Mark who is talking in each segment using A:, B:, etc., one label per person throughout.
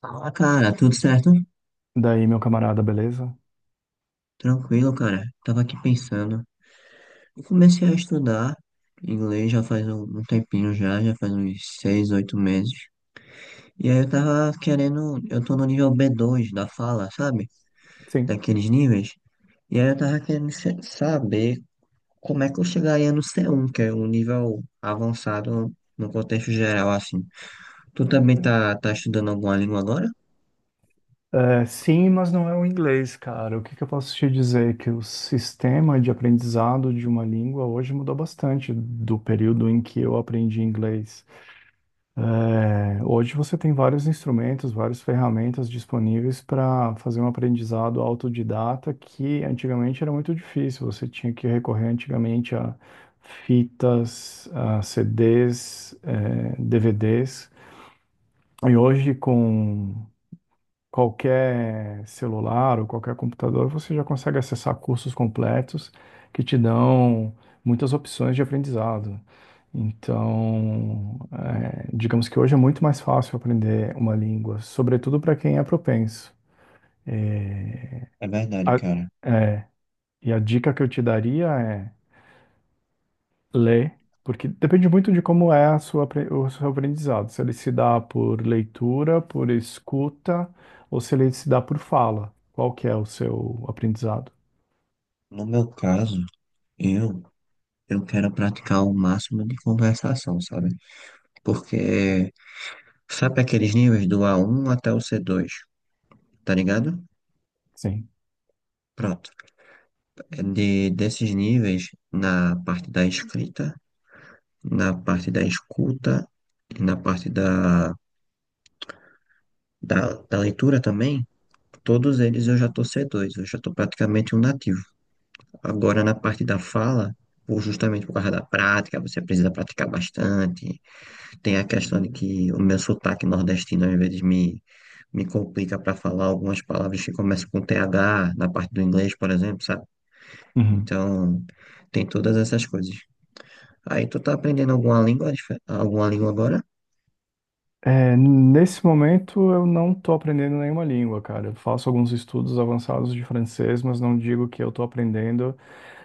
A: Fala, cara, tudo certo?
B: Daí, meu camarada, beleza?
A: Tranquilo, cara. Tava aqui pensando. Eu comecei a estudar inglês já faz um tempinho já faz uns seis, oito meses. E aí eu tô no nível B2 da fala, sabe?
B: Sim.
A: Daqueles níveis. E aí eu tava querendo saber como é que eu chegaria no C1, que é um nível avançado no contexto geral, assim. Tu também tá estudando alguma língua agora?
B: É, sim, mas não é o inglês, cara. O que que eu posso te dizer? Que o sistema de aprendizado de uma língua hoje mudou bastante do período em que eu aprendi inglês. Hoje você tem vários instrumentos, várias ferramentas disponíveis para fazer um aprendizado autodidata que antigamente era muito difícil. Você tinha que recorrer antigamente a fitas, a CDs, DVDs. E hoje, com qualquer celular ou qualquer computador, você já consegue acessar cursos completos que te dão muitas opções de aprendizado. Então, digamos que hoje é muito mais fácil aprender uma língua, sobretudo para quem é propenso. É,
A: É verdade,
B: a-
A: cara.
B: é, e a dica que eu te daria é ler, porque depende muito de como é a o seu aprendizado. Se ele se dá por leitura, por escuta, ou se ele se dá por fala. Qual que é o seu aprendizado?
A: No meu caso, eu eu quero praticar o máximo de conversação, sabe? Porque sabe aqueles níveis do A1 até o C2, tá ligado?
B: Sim.
A: Pronto. Desses níveis, na parte da escrita, na parte da escuta e na parte da leitura também, todos eles eu já tô C2, eu já tô praticamente um nativo. Agora, na parte da fala, justamente por causa da prática, você precisa praticar bastante. Tem a questão de que o meu sotaque nordestino às vezes me complica para falar algumas palavras que começam com TH, na parte do inglês, por exemplo, sabe?
B: Uhum.
A: Então, tem todas essas coisas. Aí, tu tá aprendendo alguma língua, alguma língua agora?
B: É, nesse momento eu não estou aprendendo nenhuma língua, cara. Eu faço alguns estudos avançados de francês, mas não digo que eu estou aprendendo,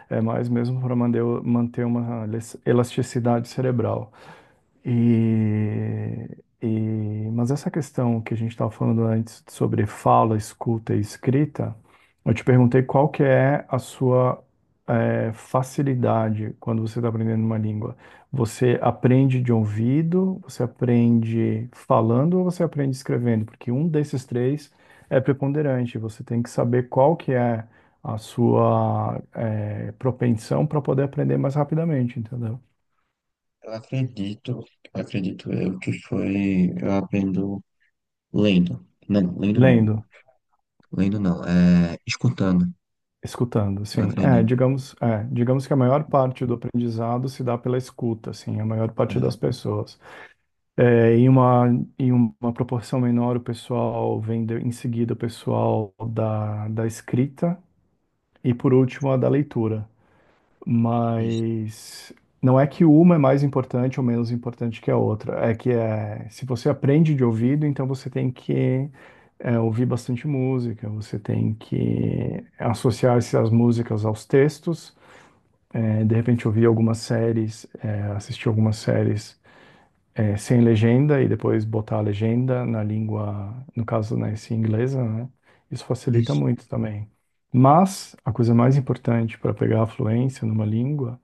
B: é mais mesmo para manter uma elasticidade cerebral. E, mas essa questão que a gente estava falando antes sobre fala, escuta e escrita, eu te perguntei qual que é a sua facilidade quando você está aprendendo uma língua. Você aprende de ouvido, você aprende falando ou você aprende escrevendo? Porque um desses três é preponderante. Você tem que saber qual que é a sua propensão para poder aprender mais rapidamente, entendeu?
A: Eu acredito, acredito eu que foi, eu aprendo lendo. Não, lendo não.
B: Lendo.
A: Lendo não, é escutando,
B: Escutando,
A: eu
B: sim.
A: acredito.
B: Digamos que a maior parte do aprendizado se dá pela escuta, assim, a maior parte das
A: É,
B: pessoas. É, em uma, Em uma proporção menor, o pessoal em seguida o pessoal da, da escrita e, por último, a da leitura.
A: isso,
B: Mas não é que uma é mais importante ou menos importante que a outra. Se você aprende de ouvido, então você tem que ouvir bastante música, você tem que associar essas músicas aos textos, de repente ouvir algumas séries, assistir algumas séries sem legenda e depois botar a legenda na língua, no caso, né, se inglesa, né? Isso facilita
A: isso.
B: muito também. Mas a coisa mais importante para pegar a fluência numa língua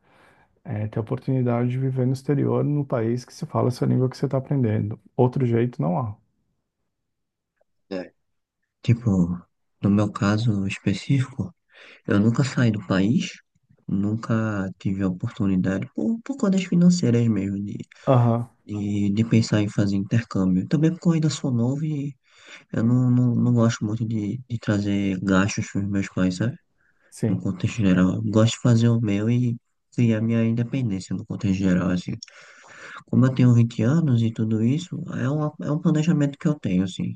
B: ter a oportunidade de viver no exterior, no país que se fala essa língua que você está aprendendo. Outro jeito não há.
A: É. Tipo, no meu caso específico, eu nunca saí do país, nunca tive a oportunidade, por contas financeiras mesmo, de,
B: Aham,
A: de, de pensar em fazer intercâmbio. Também porque eu ainda sou novo e eu não gosto muito de trazer gastos para os meus pais, sabe? No
B: sim,
A: contexto geral. Eu gosto de fazer o meu e criar minha independência no contexto geral, assim. Como eu tenho 20 anos e tudo isso, é um planejamento que eu tenho, assim.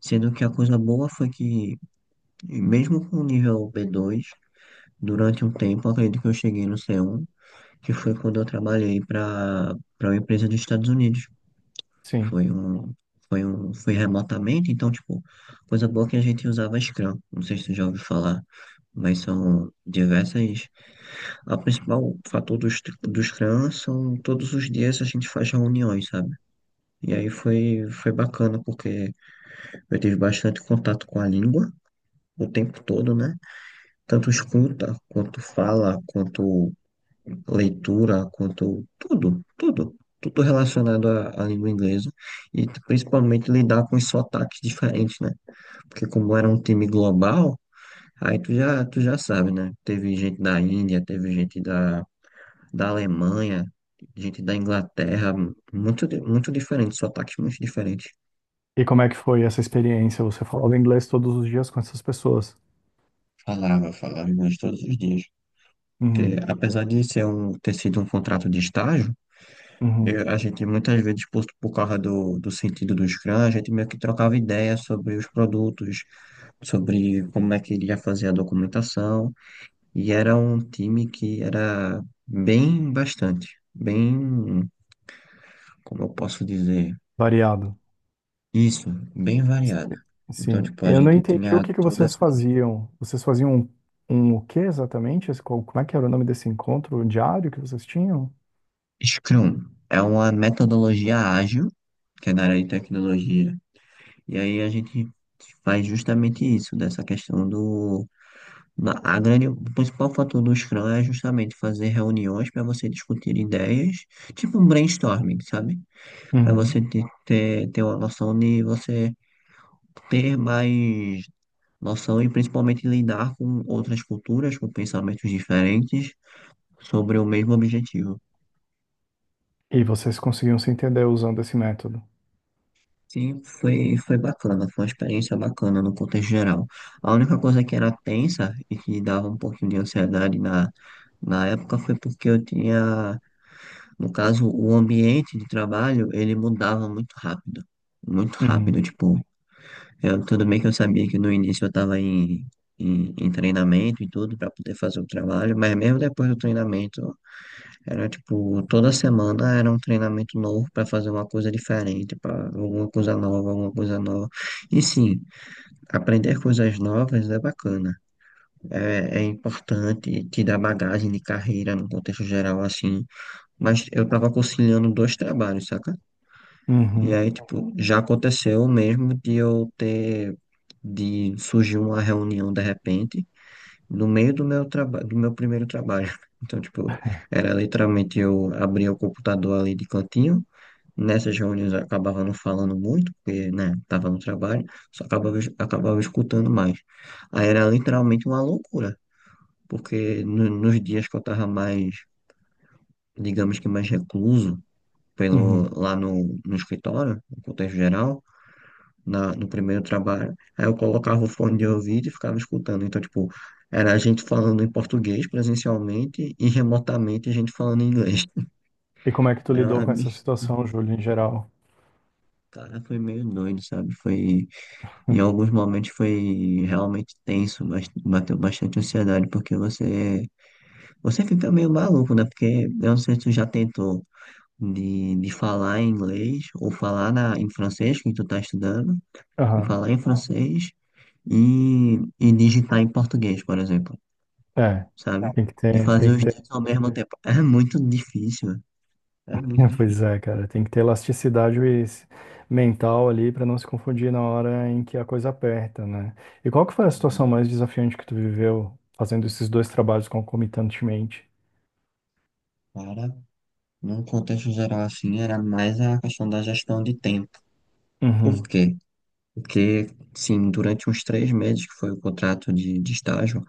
A: Sendo que a coisa boa foi que, mesmo com o nível B2, durante um tempo, eu acredito que eu cheguei no C1, que foi quando eu trabalhei para uma empresa dos Estados Unidos.
B: sim.
A: Foi um foi remotamente, então tipo, coisa boa que a gente usava Scrum. Não sei se tu já ouviu falar, mas são diversas. A principal fator do Scrum são todos os dias a gente faz reuniões, sabe? E aí foi bacana porque eu tive bastante contato com a língua o tempo todo, né? Tanto escuta, quanto fala, quanto leitura, quanto tudo, tudo, tudo relacionado à língua inglesa e principalmente lidar com os sotaques diferentes, né? Porque como era um time global, aí tu já sabe, né? Teve gente da Índia, teve gente da Alemanha, gente da Inglaterra, muito diferente, sotaques muito diferentes.
B: E como é que foi essa experiência? Você falava inglês todos os dias com essas pessoas?
A: Falava, falava inglês todos os dias. Porque,
B: Uhum,
A: apesar de ter sido um contrato de estágio,
B: uhum.
A: A gente muitas vezes, por causa do sentido do Scrum, a gente meio que trocava ideias sobre os produtos, sobre como é que iria fazer a documentação, e era um time que era bem bastante, bem, como eu posso dizer,
B: Variado,
A: isso, bem variado. Então,
B: sim.
A: tipo, a
B: Eu não
A: gente
B: entendi o
A: tinha
B: que que
A: toda
B: vocês
A: essa questão.
B: faziam. O que exatamente? Como é que era o nome desse encontro diário que vocês tinham?
A: Scrum é uma metodologia ágil, que é na área de tecnologia, e aí a gente faz justamente isso, dessa questão do Na- A grande, o principal fator do Scrum é justamente fazer reuniões para você discutir ideias, tipo um brainstorming, sabe? Para
B: Uhum.
A: você ter uma noção de você ter mais noção e principalmente lidar com outras culturas, com pensamentos diferentes sobre o mesmo objetivo.
B: E vocês conseguiam se entender usando esse método?
A: Sim, foi bacana, foi uma experiência bacana no contexto geral. A única coisa que era tensa e que dava um pouquinho de ansiedade na época foi porque eu tinha. No caso, o ambiente de trabalho, ele mudava muito rápido. Muito rápido,
B: Uhum,
A: tipo, tudo bem que eu sabia que no início eu estava em treinamento e tudo para poder fazer o trabalho, mas mesmo depois do treinamento, era tipo, toda semana era um treinamento novo para fazer uma coisa diferente, para alguma coisa nova, alguma coisa nova. E sim, aprender coisas novas é bacana, é importante, te dá bagagem de carreira no contexto geral, assim, mas eu estava conciliando dois trabalhos, saca? E
B: uhum,
A: aí, tipo, já aconteceu mesmo de de surgir uma reunião de repente, no meio do meu trabalho, do meu primeiro trabalho. Então, tipo, era literalmente eu abria o computador ali de cantinho. Nessas reuniões eu acabava não falando muito, porque, né, tava no trabalho, só acabava escutando mais. Aí era literalmente uma loucura, porque nos dias que eu tava mais, digamos que mais recluso,
B: uhum.
A: lá no escritório, no contexto geral, no primeiro trabalho. Aí eu colocava o fone de ouvido e ficava escutando. Então, tipo, era a gente falando em português presencialmente e remotamente a gente falando em inglês.
B: E como é que tu
A: Era
B: lidou
A: uma...
B: com
A: mi-
B: essa situação, Júlio, em geral?
A: Cara, foi meio doido, sabe? Foi. Em alguns momentos foi realmente tenso, mas bateu bastante ansiedade, porque você fica meio maluco, né? Porque eu não sei se tu já tentou de falar em inglês ou falar em francês, que tu tá estudando, e
B: Aham.
A: falar em francês e digitar em português, por exemplo,
B: É,
A: sabe? Não,
B: tem que
A: de
B: ter,
A: fazer
B: tem que
A: os dois
B: ter.
A: ao mesmo tempo. É muito difícil, é muito
B: Pois
A: difícil.
B: é, cara, tem que ter mental ali para não se confundir na hora em que a coisa aperta, né? E qual que foi a situação mais desafiante que tu viveu fazendo esses dois trabalhos concomitantemente?
A: Cara, num contexto geral assim, era mais a questão da gestão de tempo. Por
B: Uhum,
A: quê? Porque, sim, durante uns 3 meses, que foi o contrato de estágio,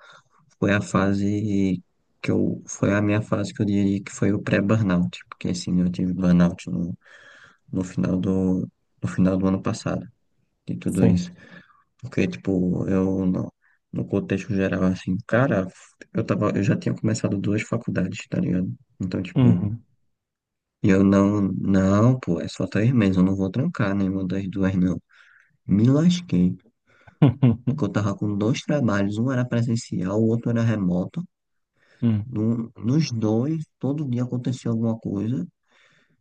A: foi a fase foi a minha fase que eu diria que foi o pré-burnout, porque, assim, eu tive burnout no final do, no final do ano passado, de tudo
B: sim.
A: isso. Porque, tipo, eu não, no contexto geral, assim, cara, eu já tinha começado duas faculdades, tá ligado? Então, tipo,
B: Uhum.
A: eu não, não, pô, é só 3 meses, eu não vou trancar nenhuma das duas, não. Me lasquei, porque eu tava com dois trabalhos, um era presencial, o outro era remoto.
B: Hum.
A: Nos dois, todo dia acontecia alguma coisa,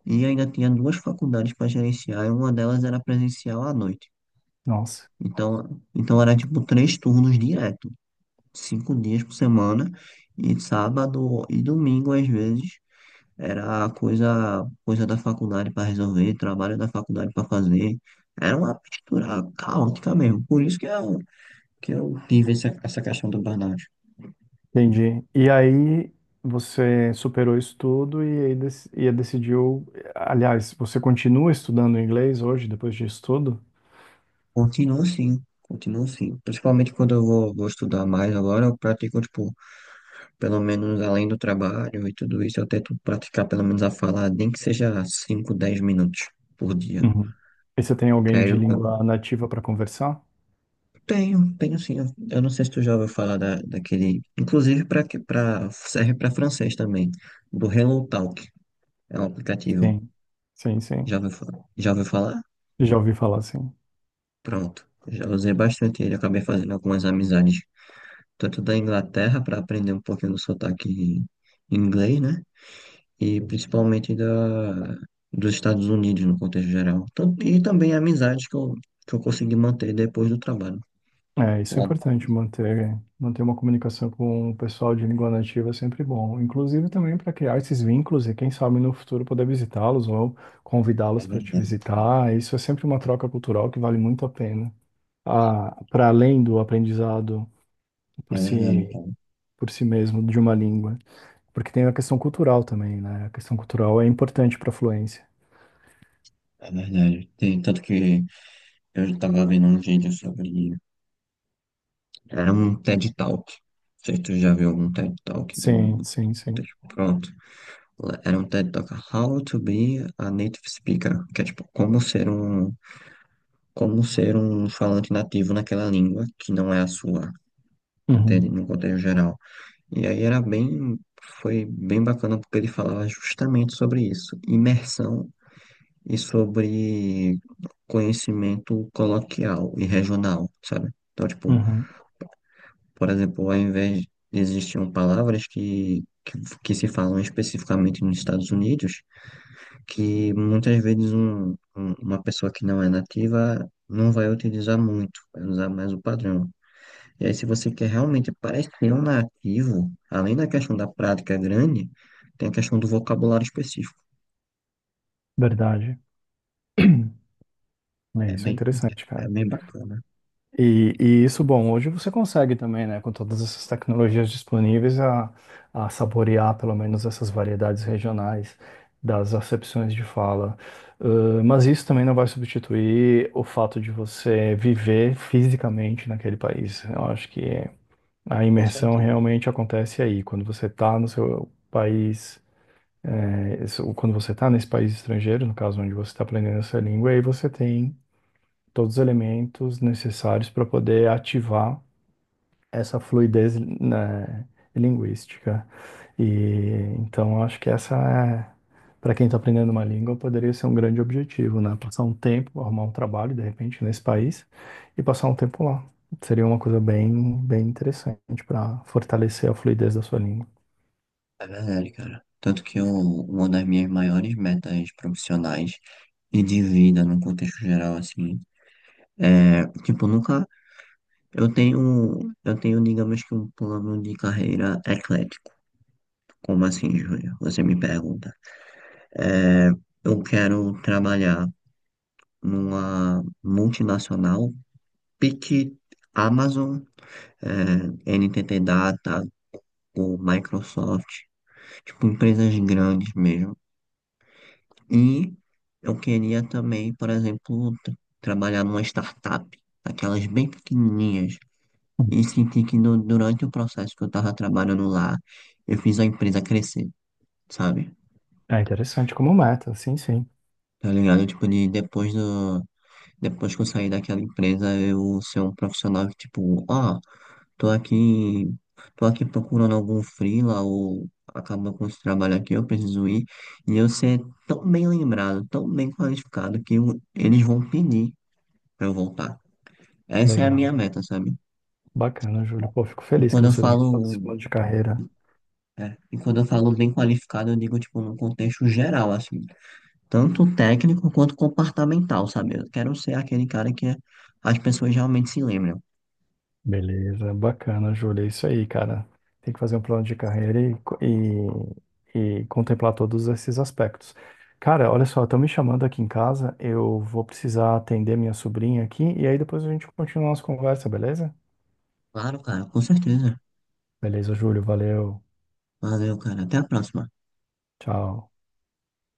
A: e ainda tinha duas faculdades para gerenciar, e uma delas era presencial à noite.
B: Nossa,
A: Então era tipo 3 turnos direto. 5 dias por semana, e sábado e domingo, às vezes, era coisa da faculdade para resolver, trabalho da faculdade para fazer. Era uma mistura caótica mesmo. Por isso que eu tive essa questão do burnout.
B: entendi. E aí você superou isso tudo e aí e decidiu, aliás, você continua estudando inglês hoje depois disso tudo?
A: Continuo sim, continuo sim. Principalmente quando eu vou estudar mais agora, eu pratico, tipo, pelo menos além do trabalho e tudo isso, eu tento praticar pelo menos a falar, nem que seja 5 10 minutos por dia.
B: Uhum. E você tem
A: Que
B: alguém
A: aí
B: de
A: eu,
B: língua nativa para conversar?
A: Tenho, tenho sim. Eu não sei se tu já ouviu falar daquele. Inclusive, serve para francês também. Do Hello Talk. É um aplicativo.
B: Sim, sim,
A: Já
B: sim.
A: ouviu, fa- já ouviu falar?
B: Já ouvi falar, sim.
A: Pronto. Já usei bastante ele. Acabei fazendo algumas amizades. Tanto da Inglaterra, para aprender um pouquinho do sotaque inglês, né? E principalmente dos Estados Unidos, no contexto geral. E também amizades que eu consegui manter depois do trabalho.
B: É, isso é
A: Lá-
B: importante, manter, manter uma comunicação com o pessoal de língua nativa é sempre bom. Inclusive também para criar esses vínculos e quem sabe no futuro poder visitá-los ou
A: É
B: convidá-los para te
A: verdade,
B: visitar. Isso é sempre uma troca cultural que vale muito a pena. Ah, para além do aprendizado
A: é
B: por
A: verdade,
B: si,
A: cara.
B: por si mesmo de uma língua. Porque tem a questão cultural também, né? A questão cultural é importante para fluência.
A: É verdade. Tem, tanto que eu estava vendo um vídeo sobre. Era um TED Talk. Não sei se tu já viu algum TED Talk
B: Sim,
A: no
B: sim, sim.
A: contexto. Pronto. Era um TED Talk How to be a Native Speaker. Que é tipo, como ser um falante nativo naquela língua que não é a sua. Entende?
B: Uhum,
A: No contexto geral. E aí era bem. Foi bem bacana porque ele falava justamente sobre isso. Imersão e sobre conhecimento coloquial e regional, sabe? Então, tipo,
B: uhum.
A: por exemplo, ao invés de existiam palavras que se falam especificamente nos Estados Unidos, que muitas vezes uma pessoa que não é nativa não vai utilizar muito, vai usar mais o padrão. E aí, se você quer realmente parecer um nativo, além da questão da prática grande, tem a questão do vocabulário específico.
B: Verdade. É,
A: É
B: isso é
A: bem,
B: interessante,
A: é
B: cara.
A: bem bacana.
B: E isso, bom, hoje você consegue também, né, com todas essas tecnologias disponíveis, a saborear pelo menos essas variedades regionais das acepções de fala. Mas isso também não vai substituir o fato de você viver fisicamente naquele país. Eu acho que a
A: Com
B: imersão
A: certeza.
B: realmente acontece aí, quando você está no seu país, quando você está nesse país estrangeiro, no caso onde você está aprendendo essa língua, aí você tem todos os elementos necessários para poder ativar essa fluidez, né, linguística. E então eu acho que essa é, para quem está aprendendo uma língua, poderia ser um grande objetivo, né? Passar um tempo, arrumar um trabalho, de repente, nesse país e passar um tempo lá. Seria uma coisa bem, bem interessante para fortalecer a fluidez da sua língua.
A: É verdade, cara. Tanto que eu, uma das minhas maiores metas profissionais e de vida no contexto geral, assim, é, tipo, nunca, eu tenho, digamos que um plano de carreira eclético. Como assim, Júlia? Você me pergunta. É, eu quero trabalhar numa multinacional, pique Amazon, NTT Data, ou Microsoft, tipo, empresas grandes mesmo. E eu queria também, por exemplo, trabalhar numa startup, aquelas bem pequenininhas,
B: Hum.
A: e sentir que durante o processo que eu tava trabalhando lá, eu fiz a empresa crescer, sabe?
B: É interessante como meta, sim, sim.
A: Tá ligado? Tipo, depois que eu sair daquela empresa, eu ser um profissional que, tipo, ó, tô aqui, tô aqui procurando algum freela ou acabou com esse trabalho aqui, eu preciso ir, e eu ser tão bem lembrado, tão bem qualificado eles vão pedir pra eu voltar. Essa é a
B: Legal.
A: minha meta, sabe?
B: Bacana, Júlio. Pô, fico
A: E
B: feliz que
A: quando eu
B: você tenha todo esse
A: falo,
B: plano de carreira.
A: e quando eu falo bem qualificado, eu digo, tipo, num contexto geral, assim, tanto técnico quanto comportamental, sabe? Eu quero ser aquele cara que as pessoas realmente se lembram.
B: Beleza, bacana, Júlia. É isso aí, cara. Tem que fazer um plano de carreira e contemplar todos esses aspectos. Cara, olha só, estão me chamando aqui em casa. Eu vou precisar atender minha sobrinha aqui e aí depois a gente continua a nossa conversa, beleza?
A: Claro, cara, com certeza.
B: Beleza, Júlio. Valeu.
A: Valeu, cara. Até a próxima.
B: Tchau.